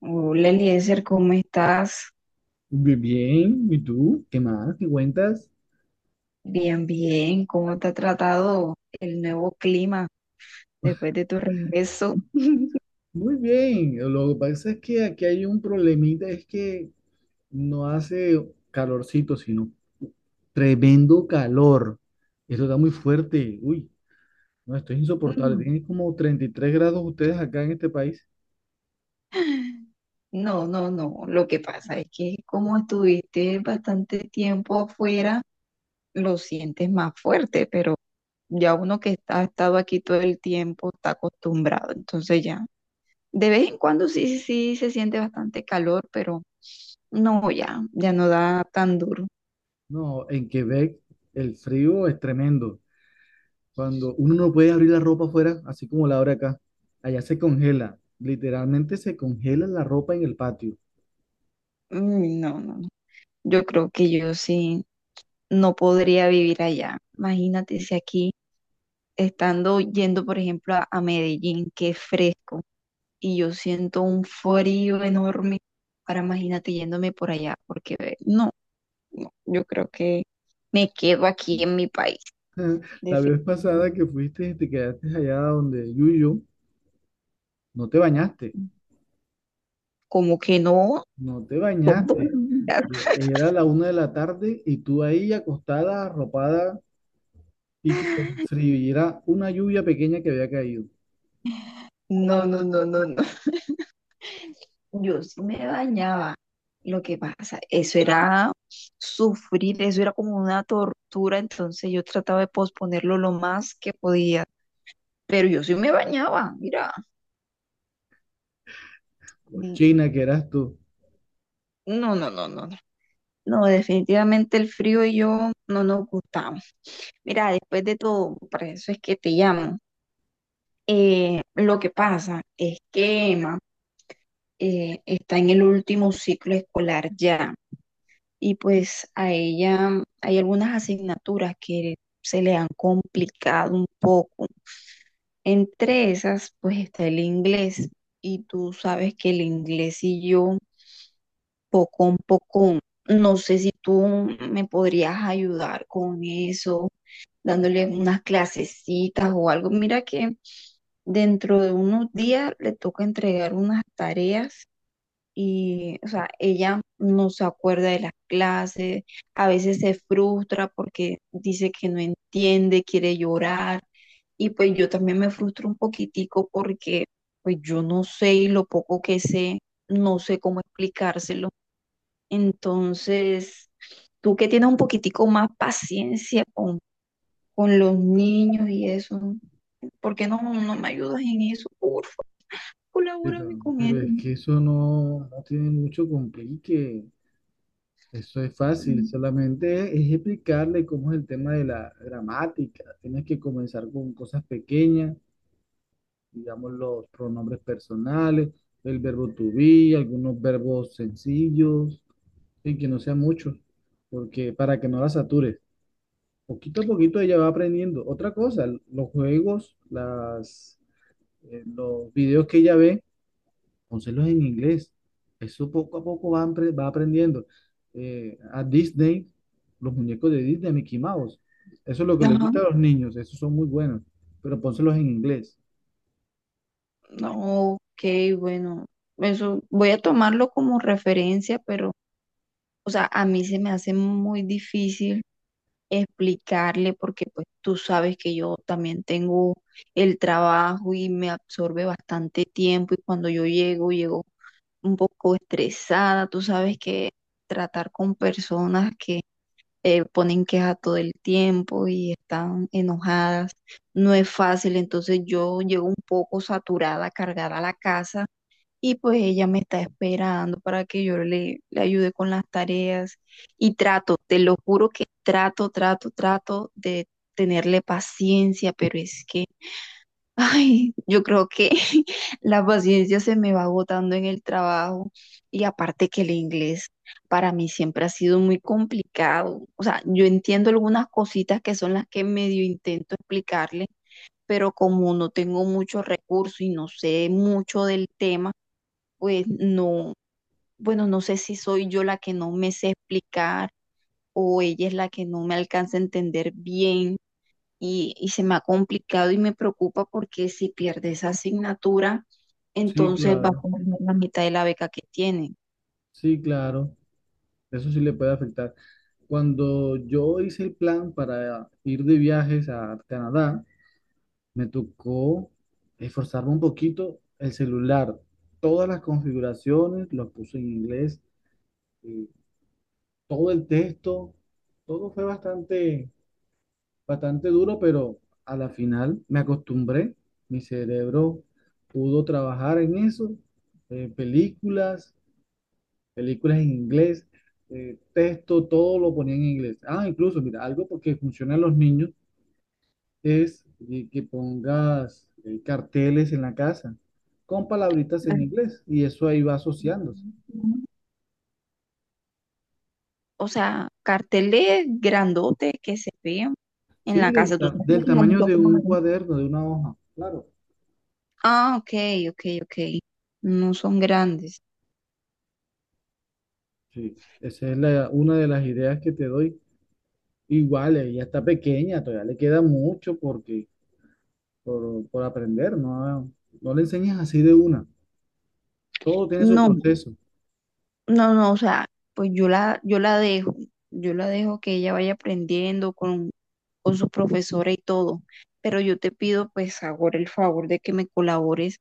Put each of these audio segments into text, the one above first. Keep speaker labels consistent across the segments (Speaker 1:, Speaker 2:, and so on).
Speaker 1: Hola Eliezer, ¿cómo estás?
Speaker 2: Muy bien, ¿y tú? ¿Qué más? ¿Qué cuentas?
Speaker 1: Bien, bien. ¿Cómo te ha tratado el nuevo clima después de tu regreso?
Speaker 2: Muy bien, lo que pasa es que aquí hay un problemita, es que no hace calorcito, sino tremendo calor. Esto está muy fuerte, uy, no, esto es insoportable. Tienen como 33 grados ustedes acá en este país.
Speaker 1: No, no, no. Lo que pasa es que como estuviste bastante tiempo afuera, lo sientes más fuerte, pero ya uno que ha estado aquí todo el tiempo está acostumbrado. Entonces ya, de vez en cuando sí, sí, sí se siente bastante calor, pero no, ya, ya no da tan duro.
Speaker 2: No, en Quebec el frío es tremendo. Cuando uno no puede abrir la ropa afuera, así como la abre acá, allá se congela, literalmente se congela la ropa en el patio.
Speaker 1: Mm, no, no, no. Yo creo que yo sí, no podría vivir allá. Imagínate si aquí, estando yendo, por ejemplo, a Medellín, que es fresco, y yo siento un frío enorme. Ahora imagínate yéndome por allá, porque no, no, yo creo que me quedo aquí en mi país,
Speaker 2: La vez pasada
Speaker 1: definitivamente.
Speaker 2: que fuiste y te quedaste allá donde Yuyo, no te bañaste,
Speaker 1: Como que no.
Speaker 2: no te bañaste. Era la una de la tarde y tú ahí acostada, arropada y que con el frío. Y era una lluvia pequeña que había caído.
Speaker 1: No, no, no, no, no. Yo sí me bañaba. Lo que pasa, eso era sufrir, eso era como una tortura, entonces yo trataba de posponerlo lo más que podía, pero yo sí me bañaba, mira, mm,
Speaker 2: Cochina que eras tú.
Speaker 1: no, no, no, no, no, no, definitivamente el frío y yo no nos gustamos. Mira, después de todo, para eso es que te llamo. Lo que pasa es que Emma está en el último ciclo escolar ya. Y pues a ella hay algunas asignaturas que se le han complicado un poco. Entre esas, pues está el inglés, y tú sabes que el inglés y yo, poco a poco, no sé si tú me podrías ayudar con eso, dándole unas clasecitas o algo. Mira que dentro de unos días le toca entregar unas tareas y, o sea, ella no se acuerda de las clases, a veces se frustra porque dice que no entiende, quiere llorar. Y pues yo también me frustro un poquitico porque pues yo no sé, y lo poco que sé, no sé cómo explicárselo. Entonces, tú que tienes un poquitico más paciencia con los niños y eso, ¿por qué no me ayudas en eso? Por favor,
Speaker 2: Pero,
Speaker 1: colabórame con
Speaker 2: pero
Speaker 1: él.
Speaker 2: es que eso no tiene mucho complique. Eso es fácil, solamente es explicarle cómo es el tema de la gramática. Tienes que comenzar con cosas pequeñas digamos, los pronombres personales, el verbo to be, algunos verbos sencillos, en que no sean muchos, porque para que no la satures. Poquito a poquito ella va aprendiendo. Otra cosa, los juegos, los videos que ella ve, pónselos en inglés. Eso poco a poco va aprendiendo. A Disney, los muñecos de Disney, Mickey Mouse. Eso es lo que le
Speaker 1: Ajá.
Speaker 2: gusta a los niños, esos son muy buenos, pero pónselos en inglés.
Speaker 1: No, ok, bueno, eso voy a tomarlo como referencia, pero, o sea, a mí se me hace muy difícil explicarle porque pues tú sabes que yo también tengo el trabajo y me absorbe bastante tiempo, y cuando yo llego un poco estresada, tú sabes que tratar con personas que ponen queja todo el tiempo y están enojadas no es fácil, entonces yo llego un poco saturada, cargada a la casa, y pues ella me está esperando para que yo le ayude con las tareas. Y trato, te lo juro que trato, trato, trato de tenerle paciencia, pero es que ay, yo creo que la paciencia se me va agotando en el trabajo. Y aparte que el inglés para mí siempre ha sido muy complicado. O sea, yo entiendo algunas cositas que son las que medio intento explicarle, pero como no tengo mucho recurso y no sé mucho del tema, pues no, bueno, no sé si soy yo la que no me sé explicar o ella es la que no me alcanza a entender bien, y se me ha complicado y me preocupa porque si pierde esa asignatura,
Speaker 2: Sí,
Speaker 1: entonces va a
Speaker 2: claro,
Speaker 1: perder la mitad de la beca que tiene.
Speaker 2: sí, claro. Eso sí le puede afectar. Cuando yo hice el plan para ir de viajes a Canadá, me tocó esforzarme un poquito el celular. Todas las configuraciones, los puse en inglés, eh, todo el texto, todo fue bastante, bastante duro, pero a la final me acostumbré. Mi cerebro pudo trabajar en eso, eh, películas películas en inglés, texto, todo lo ponía en inglés. Ah, incluso, mira, algo porque funciona en los niños es que pongas carteles en la casa con palabritas
Speaker 1: La-
Speaker 2: en inglés y eso ahí va asociándose.
Speaker 1: O sea, carteles grandotes que se vean en
Speaker 2: Sí,
Speaker 1: la casa. Tú sabes
Speaker 2: del
Speaker 1: que hay
Speaker 2: tamaño
Speaker 1: muchos
Speaker 2: de un
Speaker 1: colores.
Speaker 2: cuaderno, de una hoja, claro.
Speaker 1: Ah, ok, ok, ok. No son grandes.
Speaker 2: Sí, esa es una de las ideas que te doy. Igual, ella está pequeña, todavía le queda mucho por aprender, no le enseñas así de una. Todo tiene su
Speaker 1: No.
Speaker 2: proceso.
Speaker 1: No, no, o sea, pues yo la, yo la dejo que ella vaya aprendiendo con su profesora y todo, pero yo te pido pues ahora el favor de que me colabores,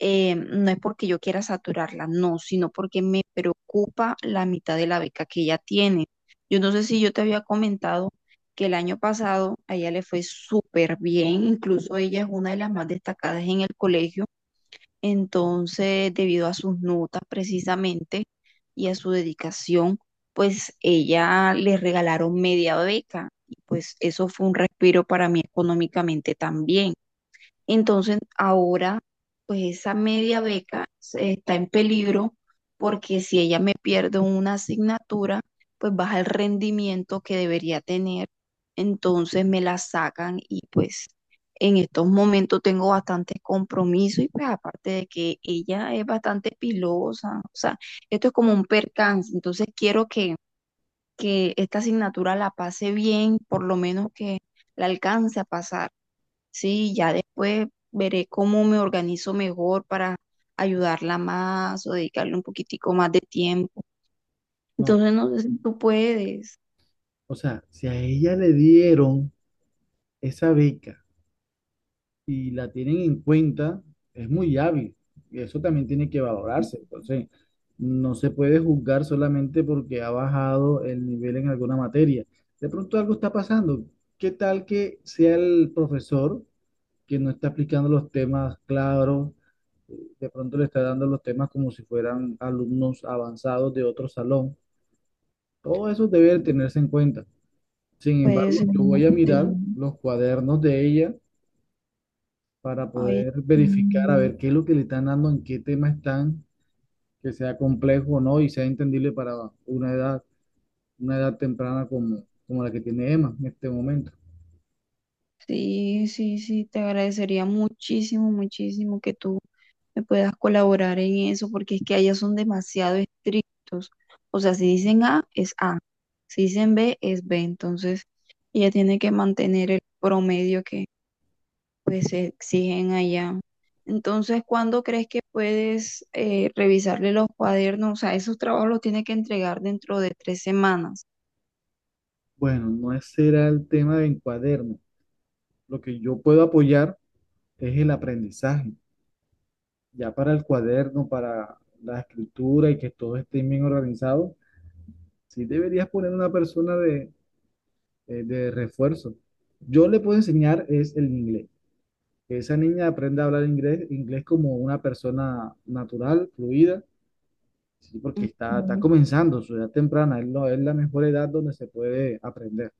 Speaker 1: no es porque yo quiera saturarla, no, sino porque me preocupa la mitad de la beca que ella tiene. Yo no sé si yo te había comentado que el año pasado a ella le fue súper bien, incluso ella es una de las más destacadas en el colegio. Entonces, debido a sus notas precisamente y a su dedicación, pues ella le regalaron media beca y pues eso fue un respiro para mí económicamente también. Entonces, ahora, pues esa media beca está en peligro porque si ella me pierde una asignatura, pues baja el rendimiento que debería tener. Entonces me la sacan, y pues en estos momentos tengo bastantes compromisos y pues aparte de que ella es bastante pilosa, o sea, esto es como un percance. Entonces quiero que esta asignatura la pase bien, por lo menos que la alcance a pasar. Sí, ya después veré cómo me organizo mejor para ayudarla más o dedicarle un poquitico más de tiempo.
Speaker 2: No.
Speaker 1: Entonces, no sé si tú puedes.
Speaker 2: O sea, si a ella le dieron esa beca y la tienen en cuenta, es muy hábil. Y eso también tiene que valorarse. Entonces, no se puede juzgar solamente porque ha bajado el nivel en alguna materia. De pronto algo está pasando. ¿Qué tal que sea el profesor que no está aplicando los temas claros? De pronto le está dando los temas como si fueran alumnos avanzados de otro salón. Todo eso debe tenerse en cuenta. Sin embargo,
Speaker 1: Puedes.
Speaker 2: yo voy a mirar los cuadernos de ella para
Speaker 1: Ay,
Speaker 2: poder verificar a
Speaker 1: mm,
Speaker 2: ver qué es lo que le están dando, en qué tema están, que sea complejo o no y sea entendible para una edad, una edad temprana como la que tiene Emma en este momento.
Speaker 1: sí, sí, sí, te agradecería muchísimo, muchísimo que tú me puedas colaborar en eso, porque es que allá son demasiado estrictos. O sea, si dicen A, es A. Si dicen B, es B. Entonces, ella tiene que mantener el promedio pues se exigen allá. Entonces, ¿cuándo crees que puedes revisarle los cuadernos? O sea, esos trabajos los tiene que entregar dentro de 3 semanas.
Speaker 2: Bueno, no ese era el tema del cuaderno. Lo que yo puedo apoyar es el aprendizaje. Ya para el cuaderno, para la escritura y que todo esté bien organizado, sí deberías poner una persona de refuerzo. Yo le puedo enseñar es el inglés. Que esa niña aprenda a hablar inglés, inglés como una persona natural, fluida, ¿sí? Porque está
Speaker 1: Mm.
Speaker 2: comenzando su edad temprana, es la mejor edad donde se puede aprender.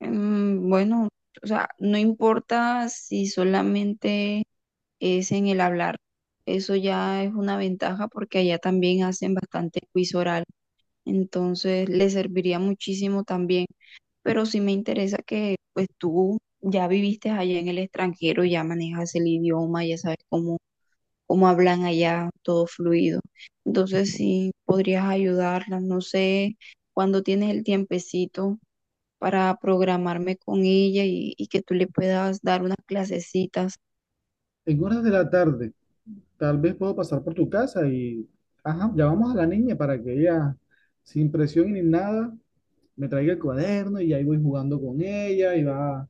Speaker 1: Mm, bueno, o sea, no importa si solamente es en el hablar. Eso ya es una ventaja porque allá también hacen bastante quiz oral. Entonces, le serviría muchísimo también. Pero sí me interesa que pues tú ya viviste allá en el extranjero, ya manejas el idioma, ya sabes cómo cómo hablan allá, todo fluido. Entonces, si podrías ayudarla, no sé cuándo tienes el tiempecito para programarme con ella, y que tú le puedas dar unas clasecitas.
Speaker 2: En horas de la tarde, tal vez puedo pasar por tu casa y, ajá, llamamos a la niña para que ella, sin presión ni nada, me traiga el cuaderno y ahí voy jugando con ella y va,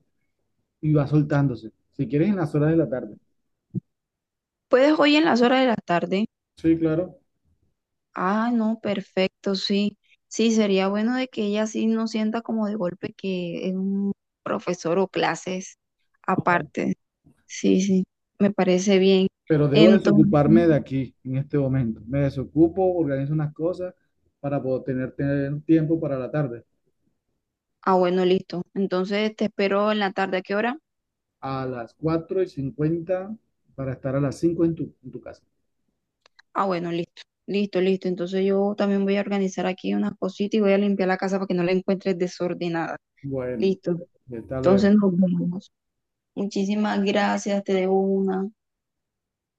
Speaker 2: y va soltándose. Si quieres, en las horas de la tarde.
Speaker 1: ¿Puedes hoy en las horas de la tarde?
Speaker 2: Sí, claro.
Speaker 1: Ah, no, perfecto, sí. Sí, sería bueno de que ella sí no sienta como de golpe que es un profesor o clases aparte. Sí, sí, me parece bien.
Speaker 2: Pero debo
Speaker 1: Entonces,
Speaker 2: desocuparme de aquí en este momento. Me desocupo, organizo unas cosas para poder tener tiempo para la tarde.
Speaker 1: ah, bueno, listo. Entonces te espero en la tarde, ¿a qué hora?
Speaker 2: A las 4:50 para estar a las 5 en tu casa.
Speaker 1: Ah, bueno, listo, listo, listo. Entonces yo también voy a organizar aquí unas cositas y voy a limpiar la casa para que no la encuentres desordenada.
Speaker 2: Bueno,
Speaker 1: Listo.
Speaker 2: hasta luego.
Speaker 1: Entonces nos vemos. Muchísimas gracias, te debo una.